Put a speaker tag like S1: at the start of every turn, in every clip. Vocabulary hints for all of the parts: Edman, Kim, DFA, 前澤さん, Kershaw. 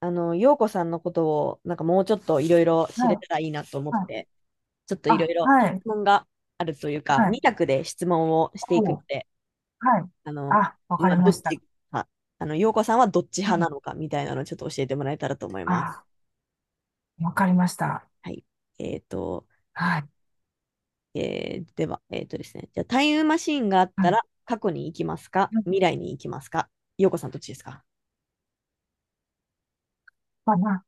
S1: 陽子さんのことを、なんかもうちょっといろいろ知
S2: は
S1: れ
S2: い、
S1: たらいいなと思っ
S2: はい。
S1: て、ちょっといろ
S2: あ、
S1: いろ
S2: は
S1: 質
S2: い、
S1: 問があるという
S2: は
S1: か、2
S2: い。
S1: 択で質問をしていく
S2: お
S1: の
S2: う、
S1: で、
S2: はい。
S1: あの、
S2: あ、わかり
S1: ど
S2: ま
S1: っ
S2: した。
S1: ち派、陽子さんはどっち
S2: は
S1: 派
S2: い。
S1: なのかみたいなのをちょっと教えてもらえたらと思います。
S2: あ、わかりました。
S1: はい。えっと、
S2: はい。
S1: えーでは、えっとですね、じゃあタイムマシーンがあっ
S2: は
S1: た
S2: い。
S1: ら、過去に行きますか未来に行きますか？陽子さんどっちですか？
S2: まあ、な、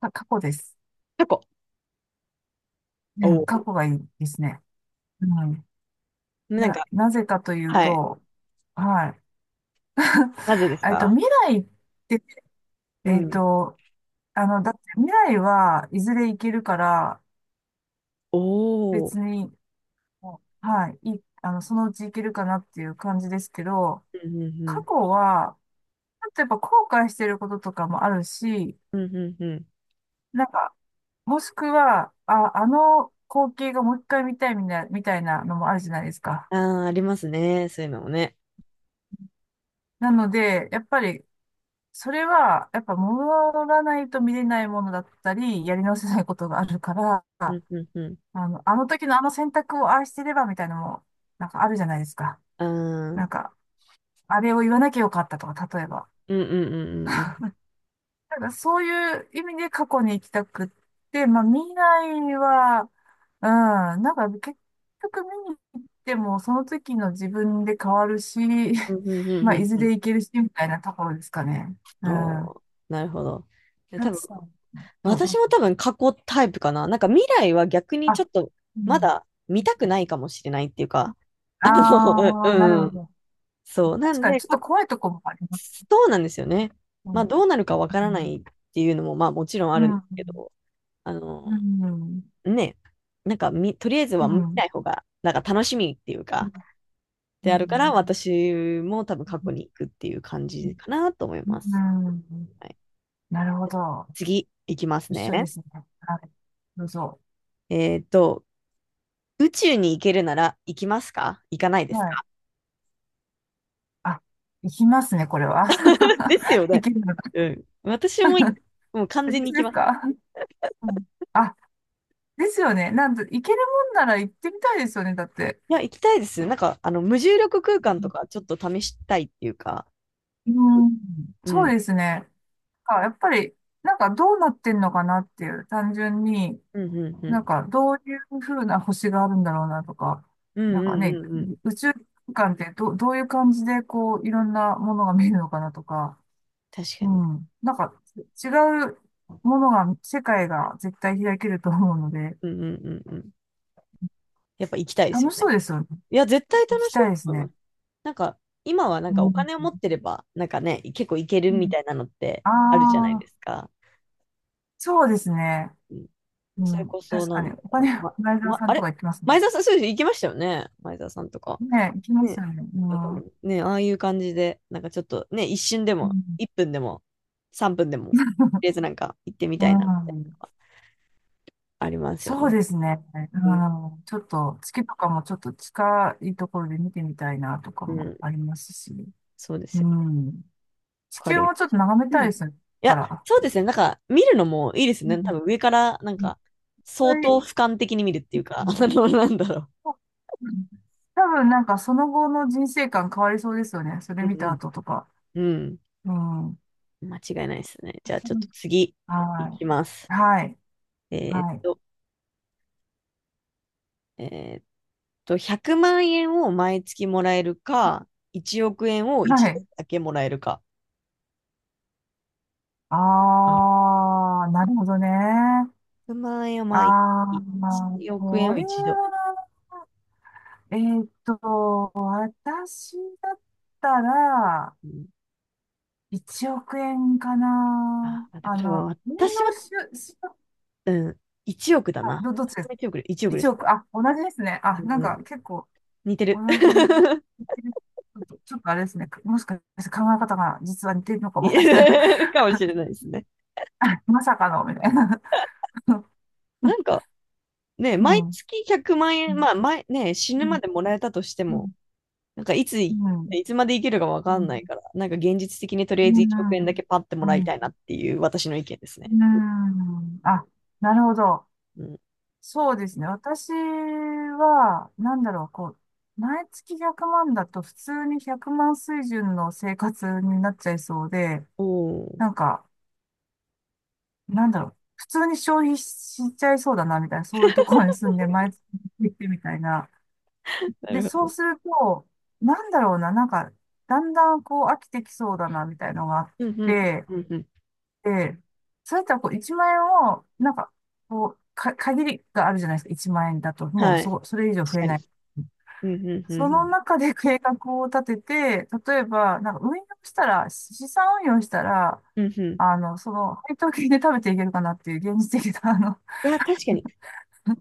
S2: か過去です。
S1: 過去。
S2: う
S1: お
S2: ん、過
S1: お。
S2: 去がいいですね。うん。
S1: なんか、
S2: なぜかという
S1: はい。
S2: と、はい。
S1: なぜです か？
S2: 未来って、
S1: う
S2: えっ
S1: ん。
S2: と、だって未来はいずれ行けるから、
S1: おお。
S2: 別に、はい、そのうち行けるかなっていう感じですけど、
S1: うんうんう
S2: 過
S1: ん。
S2: 去は、やっぱ後悔してることとかもあるし、
S1: うんうんうん。
S2: なんか、もしくは、あの光景がもう一回見たいみたいなのもあるじゃないですか。
S1: ああ、ありますね。そういうのもね。
S2: なので、やっぱり、それは、やっぱ戻らないと見れないものだったり、やり直せないことがあるから、
S1: うんうんうん。
S2: あの時のあの選択を愛してればみたいなのも、なんかあるじゃないですか。
S1: ああ、う
S2: なん
S1: ん
S2: か、あれを言わなきゃよかったとか、例えば。
S1: うんうんうんうん。
S2: なんかそういう意味で過去に行きたくって、まあ未来は、うん、なんか結局見に行ってもその時の自分で変わるし、
S1: うんうんうん
S2: まあ
S1: う
S2: い
S1: ん
S2: ず
S1: う
S2: れ
S1: ん。
S2: 行けるしみたいなところですかね。う
S1: お
S2: ん。
S1: ー、なるほど。
S2: タ
S1: 多分、
S2: さん、どうど
S1: 私
S2: う
S1: も
S2: で
S1: 多
S2: すか？
S1: 分過去タイプかな。なんか未来は逆
S2: あ、
S1: にちょっと
S2: う
S1: ま
S2: ん。
S1: だ見たくないかもしれないっていうか、
S2: あ
S1: あの、う
S2: あ、なる
S1: んう
S2: ほ
S1: ん。
S2: ど。
S1: そう。な
S2: 確
S1: ん
S2: かに
S1: で、
S2: ちょっ
S1: 過
S2: と
S1: 去
S2: 怖いとこもあります。
S1: そうなんですよね。
S2: う
S1: まあ
S2: ん。
S1: どうなるかわか
S2: う
S1: らな
S2: ん。
S1: いっていうのもまあもちろんあ
S2: う
S1: るんですけ
S2: ん。
S1: ど、あ
S2: う
S1: の、
S2: ん。
S1: ね、なんかみ、とりあえずは
S2: う
S1: 見
S2: ん。
S1: ない方が、なんか楽しみっていう
S2: う
S1: か、
S2: ん。う
S1: であるから、
S2: ん。
S1: 私も多分過去に行くっていう感じかなと思い
S2: う
S1: ます。
S2: ん。
S1: はい、
S2: なるほど。
S1: 次、行きます
S2: 一緒
S1: ね。
S2: ですね。はい。どうぞ。
S1: えっと、宇宙に行けるなら行きますか行かないです
S2: はい。
S1: か？
S2: あ、いきますね、これは。
S1: で すよ
S2: 行
S1: ね。
S2: けるのか。
S1: うん。私も、もう完
S2: これ
S1: 全に
S2: 一
S1: 行き
S2: 緒です
S1: ます。
S2: か？うん。あ、ですよね。なんと、行けるもんなら行ってみたいですよね、だって。
S1: いや、行きたいです。無重力空間とかちょっと試したいっていうか、
S2: うん。うん。
S1: う
S2: そう
S1: ん。
S2: ですね。あ、やっぱり、なんかどうなってんのかなっていう、単純に、
S1: うんうんう
S2: なん
S1: ん。
S2: かどういうふうな星があるんだろうなとか、
S1: うん
S2: なん
S1: う
S2: か
S1: ん
S2: ね、
S1: うんうん。
S2: 宇宙空間ってどういう感じでこう、いろんなものが見えるのかなとか、
S1: 確か
S2: う
S1: に。
S2: ん。なんか、違うものが、世界が絶対開けると思うので、
S1: うんうんうんうん。やっぱ行きたいです
S2: 楽
S1: よ
S2: し
S1: ね。
S2: そうですよね。
S1: いや、絶対
S2: 行
S1: 楽
S2: き
S1: しい
S2: たいです
S1: と思い
S2: ね。
S1: ます。なんか、今はなん
S2: う
S1: かお
S2: ん。
S1: 金を持ってれば、なんかね、結構いけるみたいなのって
S2: あ
S1: あるじゃない
S2: あー、
S1: ですか。
S2: そうですね。
S1: うん、
S2: う
S1: それ
S2: ん。
S1: こそ、
S2: 確
S1: な
S2: か
S1: ん
S2: に。
S1: だ
S2: お金、
S1: ろう。
S2: ライザーさ
S1: あ
S2: んと
S1: れ
S2: か行きますね。
S1: 前澤さん、そうです。行きましたよね。前澤さんとか。
S2: ね、行きます
S1: ね。
S2: よね。う
S1: だか
S2: ん。
S1: ら
S2: う
S1: ね、ああいう感じで、なんかちょっとね、一瞬でも、
S2: ん。
S1: 1分でも、3分でも、とりあえずなんか行ってみ
S2: う
S1: たいなみたいな
S2: ん。
S1: のがありますよ
S2: そう
S1: ね。
S2: ですね。
S1: うん、
S2: うん。ちょっと、月とかもちょっと近いところで見てみたいなとか
S1: う
S2: も
S1: ん、
S2: ありますし。
S1: そうです
S2: う
S1: よ。
S2: ん。地
S1: わか
S2: 球
S1: り
S2: もちょっと眺め
S1: う
S2: た
S1: ん
S2: いですよね。
S1: い
S2: だか
S1: や、
S2: ら。
S1: そうですね。なんか、見るのもいいです
S2: う
S1: ね。多
S2: ん。
S1: 分上から、なん
S2: いっ
S1: か、
S2: ぱ
S1: 相当
S2: い。
S1: 俯瞰的に見るって
S2: う
S1: いうか、
S2: ん。
S1: なんだろ
S2: うん。多分なんかその後の人生観変わりそうですよね。それ
S1: う。
S2: 見
S1: う
S2: た
S1: ん
S2: 後とか。
S1: うん。
S2: うん。
S1: うん。間違いないですね。じゃあ、ちょっと次、い
S2: は
S1: きます。
S2: い。はい。
S1: えーっ
S2: はい。
S1: と、えーっ100万円を毎月もらえるか、1億円を
S2: は
S1: 一度
S2: い。
S1: だけもらえるか。うん
S2: あー、なるほどね。
S1: 100万円を
S2: あー、
S1: 毎月、
S2: ま
S1: 1
S2: あ、
S1: 億円
S2: こ
S1: を
S2: れ
S1: 一度。
S2: は、私だったら、
S1: うん、
S2: 1億円かな。
S1: あー、だか
S2: あ
S1: ら多分
S2: の、運
S1: 私は、
S2: 用し、し、
S1: うん、1億だ
S2: あ
S1: な。
S2: ど、どっちで
S1: 私
S2: す？
S1: も億で、1億で
S2: い
S1: す。
S2: ち億。あ、同じですね。あ、なん
S1: う
S2: か
S1: ん
S2: 結構、
S1: 似て
S2: 同
S1: る。
S2: じ、ちょっとあれですね。もしかして考え方が実は似てるのかも。
S1: 似
S2: みたいな。
S1: てるかもしれないですね。
S2: まさかの、みたいな。う
S1: な
S2: ん。
S1: んかね、
S2: う
S1: 毎
S2: ん。
S1: 月100万
S2: う
S1: 円、
S2: ん。
S1: まあ前、ね、死ぬまでもらえたとして
S2: う
S1: も、
S2: ん。
S1: い
S2: うん。
S1: つまで生きるかわ
S2: う
S1: かん
S2: ん。
S1: ないから、なんか現実的にとりあえず1億円だけパッてもらいたい
S2: う
S1: なっていう私の意見ですね。
S2: ん。あ、なるほど。
S1: うん。
S2: そうですね。私は、なんだろう、こう、毎月100万だと普通に100万水準の生活になっちゃいそうで、
S1: おー。
S2: なんか、なんだろう、普通に消費しちゃいそうだな、みたいな、そういうところに住んで、毎月行ってみたいな。
S1: な
S2: で、
S1: る
S2: そ
S1: ほ
S2: う
S1: ど。
S2: すると、なんだろうな、なんか、だんだんこう飽きてきそうだな、みたいのがあっ
S1: うんうん
S2: て、
S1: うんうん。
S2: で、そうやったらこう1万円を、なんか、こう、限りがあるじゃないですか、1万円だと、もう
S1: はい。
S2: それ以上
S1: 確
S2: 増え
S1: か
S2: な
S1: に。
S2: い。
S1: うんうんう
S2: そ
S1: んう
S2: の
S1: ん。
S2: 中で計画を立てて、例えば、なんか運用したら、資産運用したら、
S1: うんうん。
S2: あの、その、配当金で食べていけるかなっていう現実的な、あの、
S1: いや、確かに。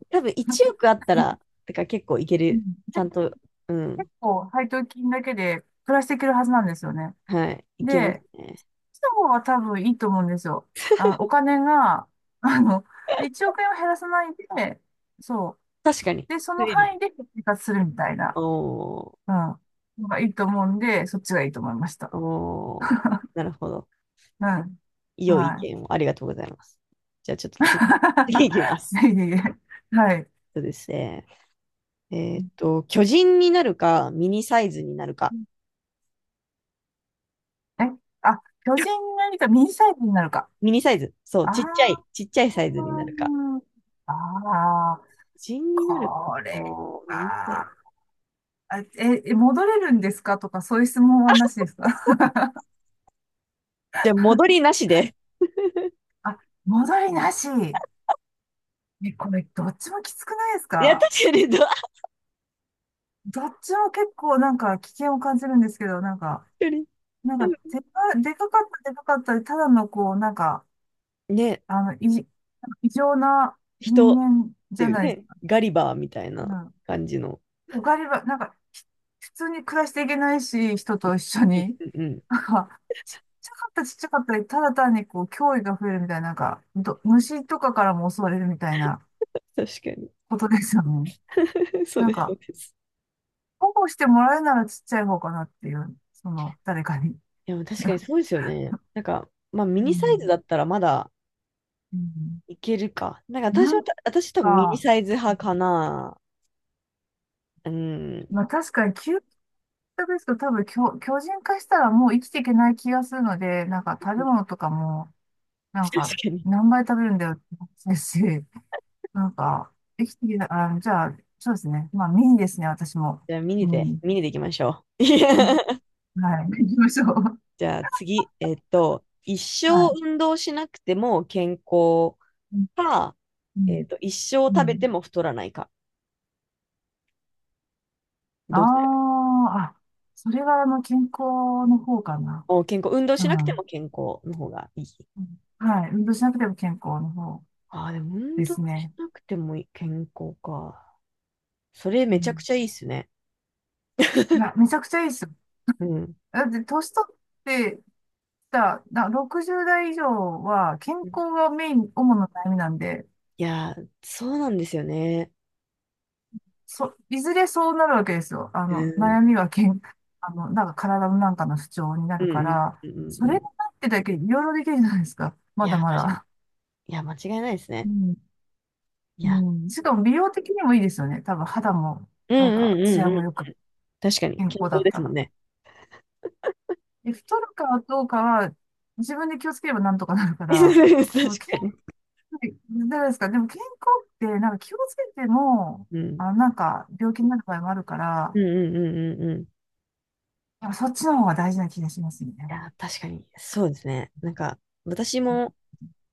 S1: 多分1億あったら、てか結構いけ
S2: う
S1: る。
S2: ん。
S1: ちゃんと、うん。
S2: 結構配当金だけで暮らしていけるはずなんですよね。
S1: はい。いけます
S2: で、
S1: ね。
S2: その方は多分いいと思うんですよ。あ、お金が、あの、1億円を減らさないで、そう。
S1: 確かに。
S2: で、そ
S1: 増
S2: の
S1: え
S2: 範
S1: る。
S2: 囲で生活するみたいな、
S1: おー、
S2: うん、のがいいと思うんで、そっちがいいと思いました。
S1: おー、なるほど。
S2: うん。
S1: 良い意
S2: は
S1: 見をありがとうございます。じゃあちょっと次、次いきま
S2: い。
S1: す。
S2: いえいえ。はい。
S1: そうですね。え
S2: う
S1: ーっ
S2: ん。
S1: と、巨人になるか、ミニサイズになるか。
S2: え、巨人になりか、ミニサイズになるか。
S1: ミニサイズ。そう、
S2: ああ、
S1: ちっちゃいサイズになるか。
S2: ああ。
S1: 巨人になるか。
S2: これ
S1: おー、ミニサイズ。
S2: は、戻れるんですかとか、そういう質問はなしですか？
S1: じゃあ戻りなしで。
S2: あ、戻りなし。え、これ、どっちもきつくないです
S1: いや、
S2: か？
S1: 確かに、ど、
S2: どっちも結構なんか危険を感じるんですけど、なんか、
S1: 確
S2: なんか、
S1: か
S2: でかかった、でかかったで、ただのこう、なんか、
S1: に。ね、
S2: あの、異常な
S1: 人
S2: 人
S1: っ
S2: 間
S1: て
S2: じゃ
S1: いう
S2: ないです
S1: ね、
S2: か。
S1: ガリバーみたいな感じの。
S2: おかりば、なんか、普通に暮らしていけないし、人と一緒
S1: うん
S2: に。
S1: うんうん
S2: なんか、ちっちゃかったちっちゃかったで、ただ単にこう、脅威が増えるみたいな、なんか、虫とかからも襲われるみたいな
S1: 確かに。
S2: ことですよね。なん
S1: そう
S2: か、
S1: です。
S2: 保護してもらえるならちっちゃい方かなっていう、その、誰かに。
S1: いや、確かにそうですよね。ミ
S2: う
S1: ニサイズ
S2: ん。
S1: だったらまだ
S2: うん。
S1: いけるか。
S2: なん
S1: 私多分ミニ
S2: か、
S1: サイズ派かな。うん。
S2: まあ確かに究極ですけど、多分巨人化したらもう生きていけない気がするので、なんか食べ物とかも、なん
S1: 確
S2: か
S1: かに。
S2: 何倍食べるんだよって話ですし、なんか、できてきた、あ、じゃあ、そうですね。まあ、メインですね、私も。
S1: じゃあ、
S2: うん。
S1: ミニでいきましょう。
S2: うん。 はい。行きましょう。
S1: じゃあ、次。えっと、一生
S2: はい。
S1: 運動しなくても健康
S2: うん。
S1: か、
S2: う
S1: え
S2: ん。
S1: っと、一生
S2: う
S1: 食べ
S2: ん。
S1: ても太らないか。
S2: あー
S1: どっちら
S2: あ、それは、あの、健康の方かな。
S1: お、健康。運動
S2: う
S1: しなくて
S2: ん。う
S1: も
S2: ん。
S1: 健康の方がいい。
S2: はい。運動しなくても健康の方
S1: ああ、でも運
S2: で
S1: 動
S2: す
S1: し
S2: ね。
S1: なくてもいい健康か。それ
S2: う
S1: めちゃく
S2: ん。
S1: ちゃいいっすね。
S2: いや、めちゃくちゃいいですよ。
S1: うん。
S2: だって、年取ってきた、60代以上は、健
S1: うん
S2: 康がメイン、主な悩みなんで、
S1: いやー、そうなんですよね。
S2: いずれそうなるわけですよ。あ
S1: う
S2: の、
S1: ん。
S2: 悩みは健、あの、なんか体のなんかの不調にな
S1: う
S2: る
S1: ん
S2: か
S1: うん
S2: ら、
S1: うん
S2: そ
S1: うんう
S2: れが
S1: ん。
S2: なってだけいろいろできるじゃないですか。
S1: い
S2: ま
S1: や、
S2: だ
S1: 確
S2: ま
S1: か
S2: だ。
S1: に。いや、間違いないです
S2: う
S1: ね。
S2: ん。
S1: いや。
S2: うん。しかも美容的にもいいですよね。多分肌も、
S1: うん
S2: なん
S1: う
S2: か、
S1: ん
S2: ツヤ
S1: うんう
S2: も
S1: ん。
S2: よく
S1: 確かに。
S2: 健
S1: 健
S2: 康だ
S1: 康
S2: っ
S1: で
S2: た
S1: すもん
S2: ら。
S1: ね。
S2: で、太るかどうかは、自分で気をつければなんとかなるか ら、
S1: 確
S2: でも健
S1: か
S2: 康、
S1: に。
S2: じゃないですか。でも健康って、なんか気をつけても、
S1: うん。
S2: あの、なんか病気になる場合もあるか
S1: う
S2: ら、
S1: んうんうんうんうん。い
S2: やっぱそっちの方が大事な気がしますね。
S1: や、確かに。そうですね。なんか、私も、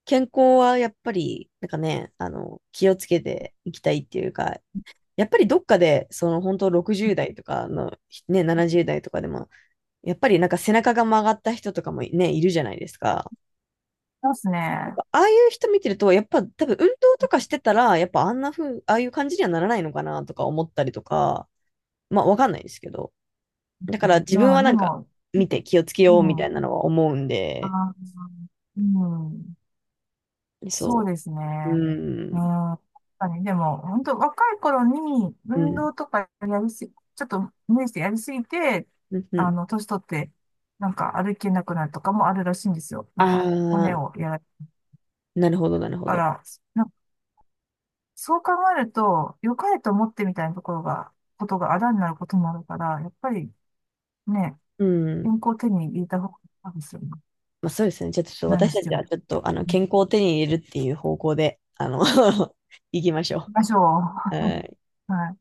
S1: 健康はやっぱり、なんかね、気をつけていきたいっていうか、やっぱりどっかで、その本当60代とかの、ね、70代とかでも、やっぱりなんか背中が曲がった人とかもね、いるじゃないですか。
S2: ます
S1: やっ
S2: ね。
S1: ぱああいう人見てると、やっぱ多分運動とかしてたら、やっぱあんな風、ああいう感じにはならないのかなとか思ったりとか、まあわかんないですけど。だから自分
S2: う
S1: は
S2: ん、
S1: な
S2: で
S1: んか
S2: も、
S1: 見て気をつけ
S2: う
S1: ようみ
S2: ん、
S1: た
S2: あ
S1: いなのは思うんで、
S2: ー、うん、そう
S1: そ
S2: です
S1: う。う
S2: ね。うん、
S1: ん。
S2: 確かに、でも、本当若い頃に
S1: う
S2: 運
S1: ん。
S2: 動とかやりすぎ、ちょっと無理してやりすぎて、
S1: うん。う
S2: あ
S1: ん
S2: の、年取って、なんか歩けなくなるとかもあるらしいんですよ。
S1: あ
S2: なんか、骨
S1: あー。
S2: をやられた
S1: なるほ
S2: か
S1: ど。
S2: ら、なんかそう考えると、良かれと思ってみたいなところが、ことがあだになることもあるから、やっぱりね、
S1: う
S2: 健
S1: ん。
S2: 康を手に入れた方がいいですよね。
S1: まあそうですね。じゃあちょっと
S2: 何
S1: 私
S2: し
S1: た
S2: て
S1: ちは
S2: も。
S1: ちょっと、健康を手に入れるっていう方向で、あの 行きましょ
S2: ましょう。
S1: う。はい
S2: はい。